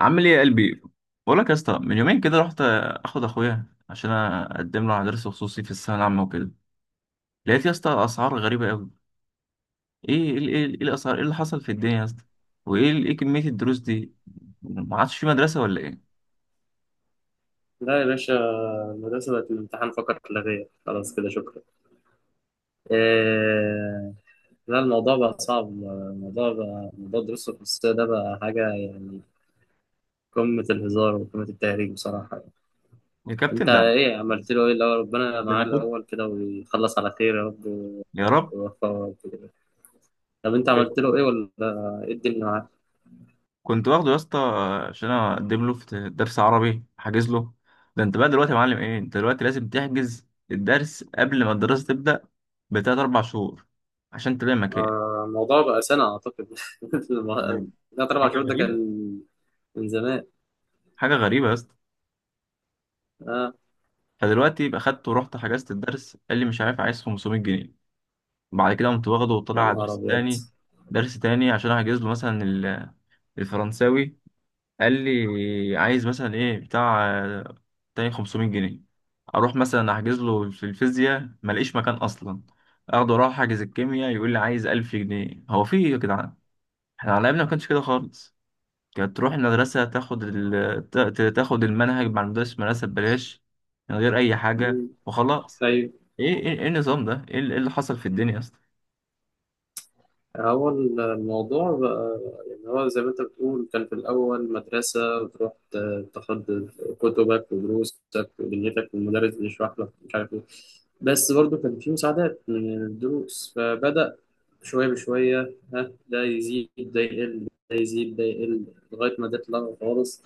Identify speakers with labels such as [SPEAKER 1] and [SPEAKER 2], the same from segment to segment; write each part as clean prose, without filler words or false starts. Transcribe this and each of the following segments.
[SPEAKER 1] عامل ايه يا قلبي؟ بقول لك يا اسطى، من يومين كده رحت اخد اخويا عشان اقدم له على درس خصوصي في الثانويه العامه وكده. لقيت يا اسطى اسعار غريبه قوي. ايه ايه ايه إيه الاسعار، ايه اللي حصل في الدنيا يا اسطى؟ وايه ايه كميه الدروس دي؟ ما عادش في مدرسه ولا ايه؟
[SPEAKER 2] لا يا باشا، المدرسة بقت الامتحان فقط لا غير، خلاص كده شكرا. إيه... لا، الموضوع بقى صعب. الموضوع بقى موضوع الدروس الخصوصية ده بقى حاجة يعني قمة الهزار وقمة التهريج بصراحة يعني.
[SPEAKER 1] يا
[SPEAKER 2] أنت
[SPEAKER 1] كابتن ده.
[SPEAKER 2] إيه عملت له؟ إيه الأول؟ ربنا
[SPEAKER 1] ده
[SPEAKER 2] معاه
[SPEAKER 1] انا كنت.
[SPEAKER 2] الأول كده ويخلص على خير يا رب،
[SPEAKER 1] يا رب.
[SPEAKER 2] ويوفقه يا رب كده. طب أنت عملت له إيه ولا إيه الدنيا معاه؟
[SPEAKER 1] كنت واخده يا اسطى عشان اقدم له في درس عربي حاجز له. ده انت بقى دلوقتي يا معلم، ايه انت دلوقتي لازم تحجز الدرس قبل ما الدراسه تبدا بتلات اربع شهور عشان تلاقي مكان.
[SPEAKER 2] الموضوع بقى سنة أعتقد.
[SPEAKER 1] ده
[SPEAKER 2] ثلاث أربع
[SPEAKER 1] حاجة
[SPEAKER 2] شهور ده
[SPEAKER 1] غريبة،
[SPEAKER 2] كان من زمان.
[SPEAKER 1] حاجة غريبة يا اسطى.
[SPEAKER 2] آه
[SPEAKER 1] فدلوقتي يبقى خدت ورحت حجزت الدرس، قال لي مش عارف عايز 500 جنيه. بعد كده قمت واخده وطلع
[SPEAKER 2] يا
[SPEAKER 1] على
[SPEAKER 2] نهار
[SPEAKER 1] درس
[SPEAKER 2] أبيض!
[SPEAKER 1] تاني، درس تاني عشان احجز له مثلا الفرنساوي. قال لي عايز مثلا ايه بتاع تاني 500 جنيه. اروح مثلا احجز له في الفيزياء، ملاقيش مكان اصلا. اخده اروح احجز الكيمياء، يقول لي عايز 1000 جنيه. هو في ايه يا جدعان؟ احنا على ايامنا ما كانش كده خالص. كانت تروح المدرسة تاخد تاخد المنهج مع المدرس في المدرسة ببلاش، من غير أي حاجة وخلاص.
[SPEAKER 2] طيب،
[SPEAKER 1] إيه النظام ده؟ إيه اللي حصل في الدنيا يا اسطى؟
[SPEAKER 2] هو الموضوع بقى يعني هو زي ما انت بتقول كان في الأول مدرسة وتروح تاخد كتبك ودروسك ودنيتك، والمدرس بيشرح لك مش عارف ايه، بس برضه كان في مساعدات من الدروس، فبدأ شوية بشوية، ها ده يزيد ده يقل ده يزيد ده يقل لغاية ما ده اتلغى خالص،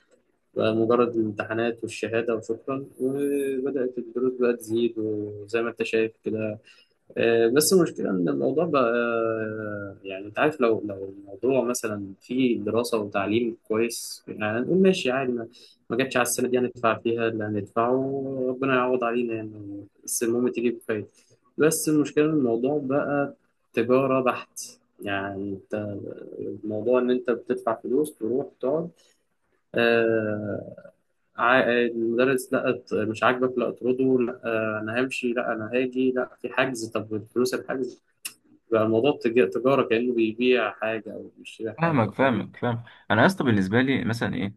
[SPEAKER 2] بقى مجرد الامتحانات والشهادة وشكرا، وبدأت الدروس بقى تزيد وزي ما انت شايف كده. بس المشكلة إن الموضوع بقى يعني أنت عارف لو الموضوع مثلا فيه دراسة وتعليم كويس، يعني نقول ماشي عادي، ما جاتش على السنة دي، هندفع فيها اللي هندفعه، ربنا يعوض علينا يعني، بس المهم تيجي بخير. بس المشكلة إن الموضوع بقى تجارة بحت. يعني أنت، الموضوع إن أنت بتدفع فلوس تروح تقعد، آه، المدرس لا مش عاجبك لا اطرده، لا انا همشي، لا انا هاجي، لا في حجز، طب فلوس الحجز، بقى الموضوع تجارة، كأنه بيبيع حاجة او بيشتري حاجة،
[SPEAKER 1] فاهمك
[SPEAKER 2] فاهم؟
[SPEAKER 1] فاهمك فاهم. أنا يا اسطى بالنسبة لي مثلا إيه؟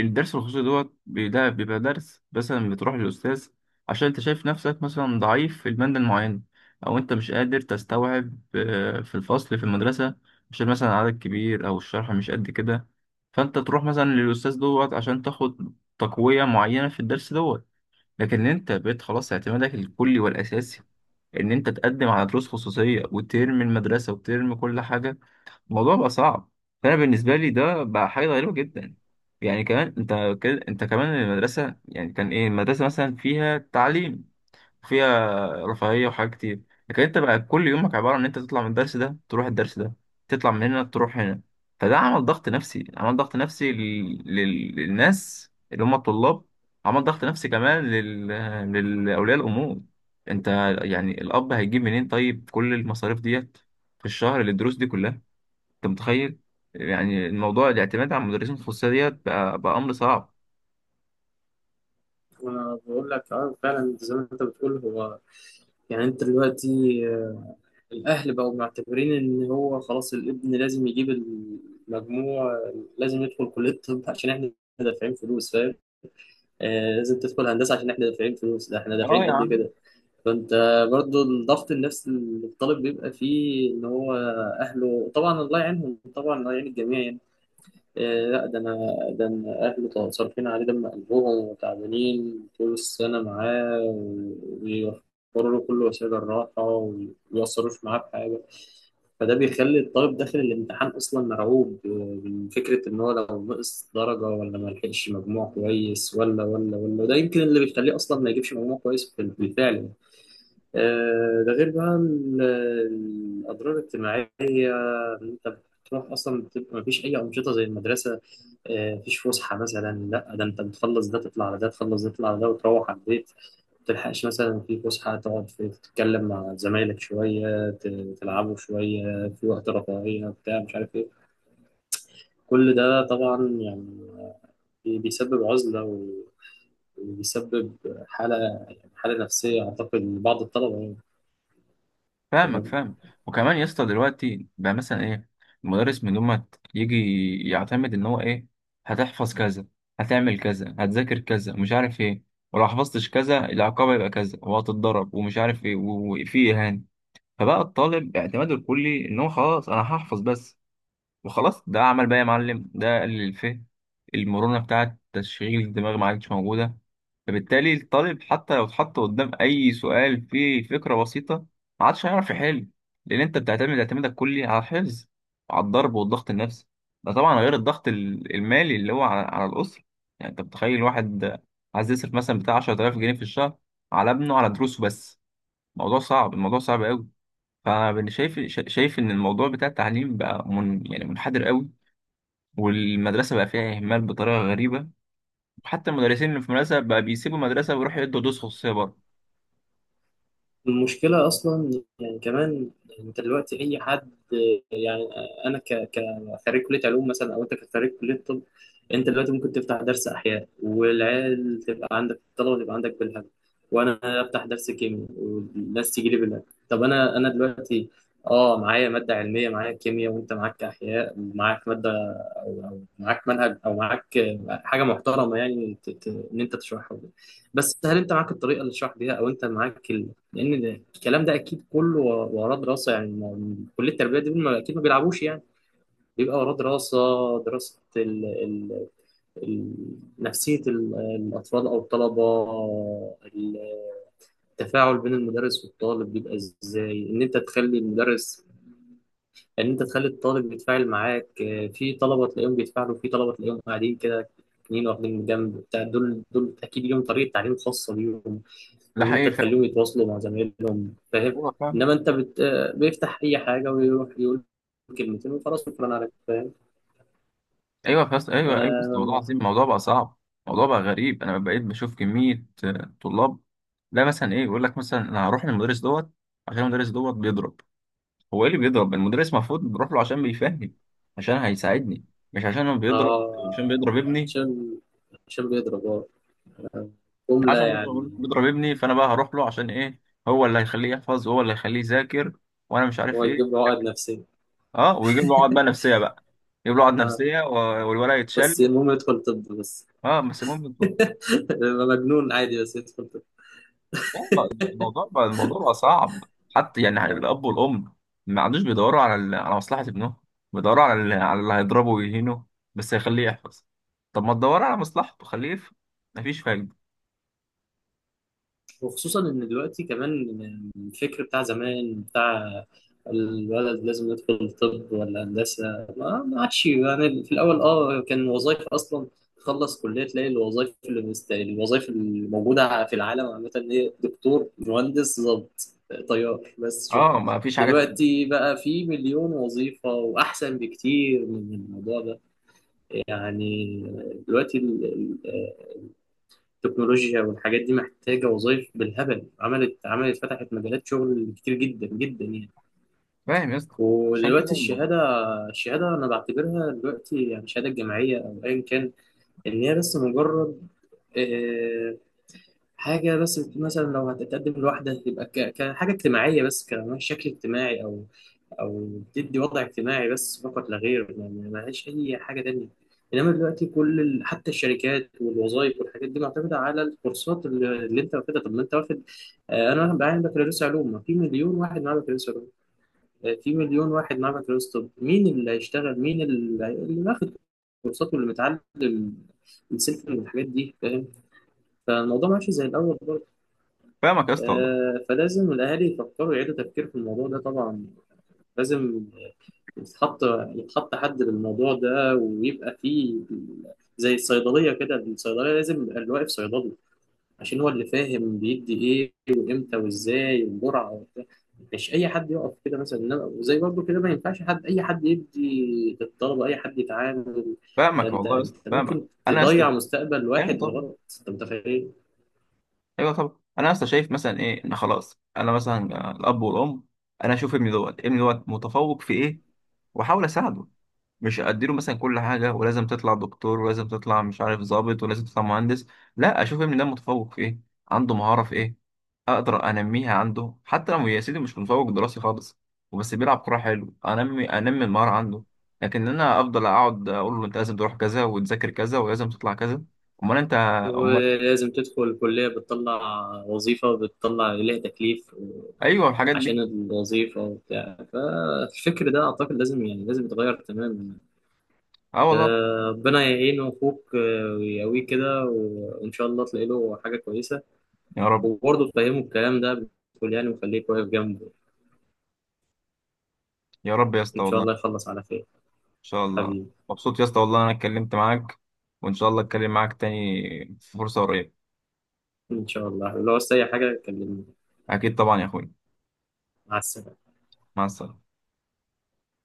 [SPEAKER 1] الدرس الخصوصي دوت ده بيبقى درس مثلا بتروح للأستاذ عشان أنت شايف نفسك مثلا ضعيف في المادة المعينة، أو أنت مش قادر تستوعب في الفصل في المدرسة، عشان مثلا عدد كبير أو الشرح مش قد كده. فأنت تروح مثلا للأستاذ دوت عشان تاخد تقوية معينة في الدرس دوت. لكن أنت بقيت خلاص اعتمادك الكلي والأساسي إن أنت تقدم على دروس خصوصية وترمي المدرسة وترمي كل حاجة. الموضوع بقى صعب. فانا بالنسبه لي ده بقى حاجه غريبه جدا. يعني كمان انت كده، انت كمان المدرسه يعني كان ايه؟ المدرسه مثلا فيها تعليم، فيها رفاهيه وحاجات كتير. لكن انت بقى كل يومك عباره عن ان انت تطلع من الدرس ده تروح الدرس ده، تطلع من هنا تروح هنا. فده عمل ضغط نفسي، عمل ضغط نفسي للناس اللي هم الطلاب. عمل ضغط نفسي كمان للاولياء الامور. انت يعني الاب هيجيب منين طيب كل المصاريف ديت في الشهر للدروس دي كلها؟ انت متخيل؟ يعني الموضوع الاعتماد على المدرسين الخصوصيه ديت بقى امر صعب.
[SPEAKER 2] وانا بقول لك اه فعلا زي ما انت بتقول. هو يعني انت دلوقتي الاهل بقوا معتبرين ان هو خلاص الابن لازم يجيب المجموع، لازم يدخل كلية الطب عشان احنا دافعين فلوس، فاهم؟ آه لازم تدخل هندسة عشان احنا دافعين فلوس، ده احنا
[SPEAKER 1] اه
[SPEAKER 2] دافعين
[SPEAKER 1] يا
[SPEAKER 2] قد
[SPEAKER 1] عم.
[SPEAKER 2] كده. فانت برضو الضغط النفسي اللي الطالب بيبقى فيه ان هو اهله، طبعا الله يعينهم، طبعا الله يعين الجميع يعني. إيه لا ده انا ده انا اهله صارفين عليه دم قلبهم، وتعبانين طول السنه معاه، وبيوفروا له كل وسائل الراحه، وما بيقصروش معاه بحاجه. فده بيخلي الطالب داخل الامتحان اصلا مرعوب من فكره ان هو لو نقص درجه، ولا ما لحقش مجموع كويس، ولا ولا ولا، ده يمكن اللي بيخليه اصلا ما يجيبش مجموع كويس بالفعل يعني. آه، ده غير بقى الأضرار الاجتماعية، إن أنت بتروح أصلا بتبقى مفيش أي أنشطة زي المدرسة. آه، مفيش فسحة مثلا، لا ده أنت بتخلص ده تطلع على ده، تخلص ده تطلع على ده، وتروح على البيت. متلحقش مثلا في فسحة تقعد تتكلم مع زمايلك شوية، تلعبوا شوية في وقت رفاهية بتاع مش عارف إيه. كل ده طبعا يعني بيسبب عزلة، وبيسبب حالة، حالة نفسية أعتقد لبعض الطلبة
[SPEAKER 1] فاهمك
[SPEAKER 2] يعني.
[SPEAKER 1] فاهم. وكمان يا اسطى دلوقتي بقى مثلا ايه، المدرس من لما يجي يعتمد ان هو ايه، هتحفظ كذا، هتعمل كذا، هتذاكر كذا، مش عارف ايه. ولو حفظتش كذا العقاب يبقى كذا وهتتضرب ومش عارف ايه، وفي اهانه. فبقى الطالب اعتماده الكلي ان هو خلاص انا هحفظ بس وخلاص. ده عمل بقى يا معلم، ده قلل الفهم. المرونة بتاعة تشغيل الدماغ ما عادش موجودة. فبالتالي الطالب حتى لو اتحط قدام أي سؤال فيه فكرة بسيطة ما عادش هيعرف يحل، لأن أنت بتعتمد اعتمادك كلي على الحفظ وعلى الضرب والضغط النفسي. ده طبعا غير الضغط المالي اللي هو على الأسرة. يعني أنت متخيل واحد عايز يصرف مثلا بتاع 10,000 جنيه في الشهر على ابنه على دروسه بس؟ الموضوع صعب، الموضوع صعب قوي. فأنا شايف، شايف إن الموضوع بتاع التعليم بقى من يعني منحدر قوي. والمدرسة بقى فيها إهمال بطريقة غريبة، وحتى المدرسين اللي في المدرسة بقى بيسيبوا المدرسة ويروحوا يدوا دروس خصوصية بره.
[SPEAKER 2] المشكلة أصلا يعني كمان، أنت دلوقتي أي حد، يعني أنا خريج كلية علوم مثلا، أو أنت كخريج كلية طب، أنت دلوقتي ممكن تفتح درس أحياء، والعيال تبقى عندك، الطلبة تبقى عندك بالهبل، وأنا أفتح درس كيمياء والناس تيجي لي بالهبل. طب أنا دلوقتي أه معايا مادة علمية، معايا كيمياء، وأنت معاك أحياء ومعاك مادة، أو معاك منهج أو معاك حاجة محترمة يعني، إن أنت تشرحها. بس هل أنت معاك الطريقة اللي تشرح بيها، أو أنت معاك؟ لان ده الكلام ده اكيد كله وراه دراسه، يعني كليه التربيه دي اكيد ما بيلعبوش يعني، بيبقى وراه دراسه، دراسه ال ال ال نفسيه الاطفال او الطلبه. التفاعل بين المدرس والطالب بيبقى ازاي، ان انت تخلي المدرس، ان انت تخلي الطالب يتفاعل معاك. آه، في طلبه تلاقيهم بيتفاعلوا، في طلبه تلاقيهم قاعدين كده اتنين واخدين جنب بتاع، دول دول اكيد ليهم طريقه تعليم خاصه بيهم،
[SPEAKER 1] ده
[SPEAKER 2] ان انت
[SPEAKER 1] حقيقي فعلا.
[SPEAKER 2] تخليهم يتواصلوا مع زمايلهم، فاهم؟
[SPEAKER 1] أيوة فعلا.
[SPEAKER 2] انما انت بت... آه، بيفتح اي حاجه ويروح يقول كلمتين وخلاص شكرا عليك، فاهم؟
[SPEAKER 1] أيوة فعلا، أيوة أيوة، بس الموضوع
[SPEAKER 2] آه...
[SPEAKER 1] عظيم، الموضوع بقى صعب. الموضوع بقى غريب، أنا بقيت بشوف كمية طلاب. لا مثلا إيه، يقول لك مثلا أنا هروح للمدرس دوت عشان المدرس دوت بيضرب. هو إيه اللي بيضرب؟ المدرس المفروض بروح له عشان بيفهم، عشان هيساعدني، مش عشان هو بيضرب.
[SPEAKER 2] آه...
[SPEAKER 1] عشان بيضرب ابني،
[SPEAKER 2] عشان، عشان بيضرب اه جمله
[SPEAKER 1] عشان بيضرب
[SPEAKER 2] يعني.
[SPEAKER 1] بيضرب ابني فانا بقى هروح له عشان ايه؟ هو اللي هيخليه يحفظ وهو اللي هيخليه يذاكر، وانا مش
[SPEAKER 2] هو
[SPEAKER 1] عارف
[SPEAKER 2] يجيب
[SPEAKER 1] ايه.
[SPEAKER 2] له عقد نفسيه
[SPEAKER 1] اه، ويجيب له عقد بقى نفسيه بقى. يجيب له عقد نفسيه، والولد
[SPEAKER 2] بس
[SPEAKER 1] يتشل.
[SPEAKER 2] المهم يدخل طب بس.
[SPEAKER 1] اه بس المهم.
[SPEAKER 2] يبقى مجنون عادي بس يدخل طب.
[SPEAKER 1] الموضوع بقى صعب. حتى يعني الاب والام ما عادوش بيدوروا على على مصلحه ابنهم. بيدوروا على على اللي هيضربه ويهينه، بس هيخليه يحفظ. طب ما تدور على مصلحته خليه يفهم. مفيش فايده.
[SPEAKER 2] وخصوصا ان دلوقتي كمان الفكر بتاع زمان بتاع الولد لازم يدخل طب ولا هندسه، ما ما عادش يعني. في الاول اه كان وظائف اصلا، تخلص كليه تلاقي الوظائف اللي الوظائف اللي موجوده في العالم عامه هي دكتور، مهندس، ضابط، طيار، بس شكرا.
[SPEAKER 1] اه، مفيش حاجه تانيه.
[SPEAKER 2] دلوقتي بقى في مليون وظيفه واحسن بكتير من الموضوع ده يعني. دلوقتي التكنولوجيا والحاجات دي محتاجة وظائف بالهبل، عملت فتحت مجالات شغل كتير جدا جدا يعني.
[SPEAKER 1] فاهم يا اسطى، عشان
[SPEAKER 2] ودلوقتي
[SPEAKER 1] كده يعني.
[SPEAKER 2] الشهادة، الشهادة أنا بعتبرها دلوقتي يعني، الشهادة الجامعية أو أيا كان، إن هي بس مجرد آه، حاجة بس، مثلا لو هتتقدم لوحدة تبقى كحاجة اجتماعية بس، كشكل اجتماعي أو او بتدي وضع اجتماعي بس فقط لا غير، يعني ملهاش اي حاجه تانية. انما دلوقتي حتى الشركات والوظائف والحاجات دي معتمده على الكورسات اللي انت واخدها. طب ما انت واخد، آه، انا معايا بكالوريوس علوم، ما في مليون واحد معاه بكالوريوس علوم، آه، في مليون واحد معاه بكالوريوس طب، مين اللي هيشتغل؟ مين اللي واخد كورسات واللي متعلم السلك والحاجات دي، فاهم؟ فالموضوع ماشي زي الاول برضه.
[SPEAKER 1] فاهمك يا اسطى والله.
[SPEAKER 2] آه، فلازم الاهالي يفكروا، يعيدوا تفكير في الموضوع ده طبعا. لازم يتحط يتحط حد للموضوع ده، ويبقى فيه زي الصيدلية كده، الصيدلية لازم يبقى اللي واقف صيدلي، عشان هو اللي فاهم بيدي ايه وامتى وازاي والجرعة وبتاع. مش اي حد يقف كده مثلا، وزي برضه كده ما ينفعش حد، اي حد يدي للطلبة، اي حد يتعامل، ده
[SPEAKER 1] فاهمك
[SPEAKER 2] انت،
[SPEAKER 1] والله يا اسطى،
[SPEAKER 2] انت
[SPEAKER 1] فاهمك
[SPEAKER 2] ممكن
[SPEAKER 1] انا يا اسطى.
[SPEAKER 2] تضيع مستقبل واحد
[SPEAKER 1] ايوه طبعا.
[SPEAKER 2] بالغلط، انت متخيل؟
[SPEAKER 1] ايوه طبعا، انا يا اسطى شايف مثلا ايه ان خلاص، انا مثلا الاب والام، انا اشوف ابني دوت متفوق في ايه، واحاول اساعده. مش اديله مثلا كل حاجه ولازم تطلع دكتور ولازم تطلع مش عارف ضابط ولازم تطلع مهندس. لا، اشوف ابني ده متفوق في ايه، عنده مهاره في ايه، اقدر انميها عنده. حتى لو يا سيدي مش متفوق دراسي خالص وبس بيلعب كوره حلو، انمي انمي المهاره عنده. لكن انا افضل اقعد اقول له انت لازم تروح كذا وتذاكر كذا ولازم تطلع كذا. امال انت؟ امال.
[SPEAKER 2] ولازم تدخل الكلية، بتطلع وظيفة، وبتطلع ليها تكليف
[SPEAKER 1] ايوه الحاجات
[SPEAKER 2] عشان
[SPEAKER 1] دي.
[SPEAKER 2] الوظيفة وبتاع، فالفكر ده أعتقد لازم يعني لازم يتغير تماما.
[SPEAKER 1] اه والله.
[SPEAKER 2] آه، ربنا يعينه أخوك، آه، ويقويه كده، وإن شاء الله تلاقي له حاجة كويسة،
[SPEAKER 1] يا رب.
[SPEAKER 2] وبرضه تفهمه الكلام ده بتقول يعني، وخليك واقف جنبه.
[SPEAKER 1] يا رب يا اسطى،
[SPEAKER 2] إن شاء
[SPEAKER 1] والله ان
[SPEAKER 2] الله يخلص على خير
[SPEAKER 1] شاء الله.
[SPEAKER 2] حبيبي.
[SPEAKER 1] مبسوط يا اسطى، والله انا اتكلمت معاك، وان شاء الله اتكلم معاك تاني في فرصه قريبه.
[SPEAKER 2] إن شاء الله لو عايز أي حاجة كلمني،
[SPEAKER 1] اكيد طبعا يا اخوي.
[SPEAKER 2] مع السلامة.
[SPEAKER 1] مع السلامه.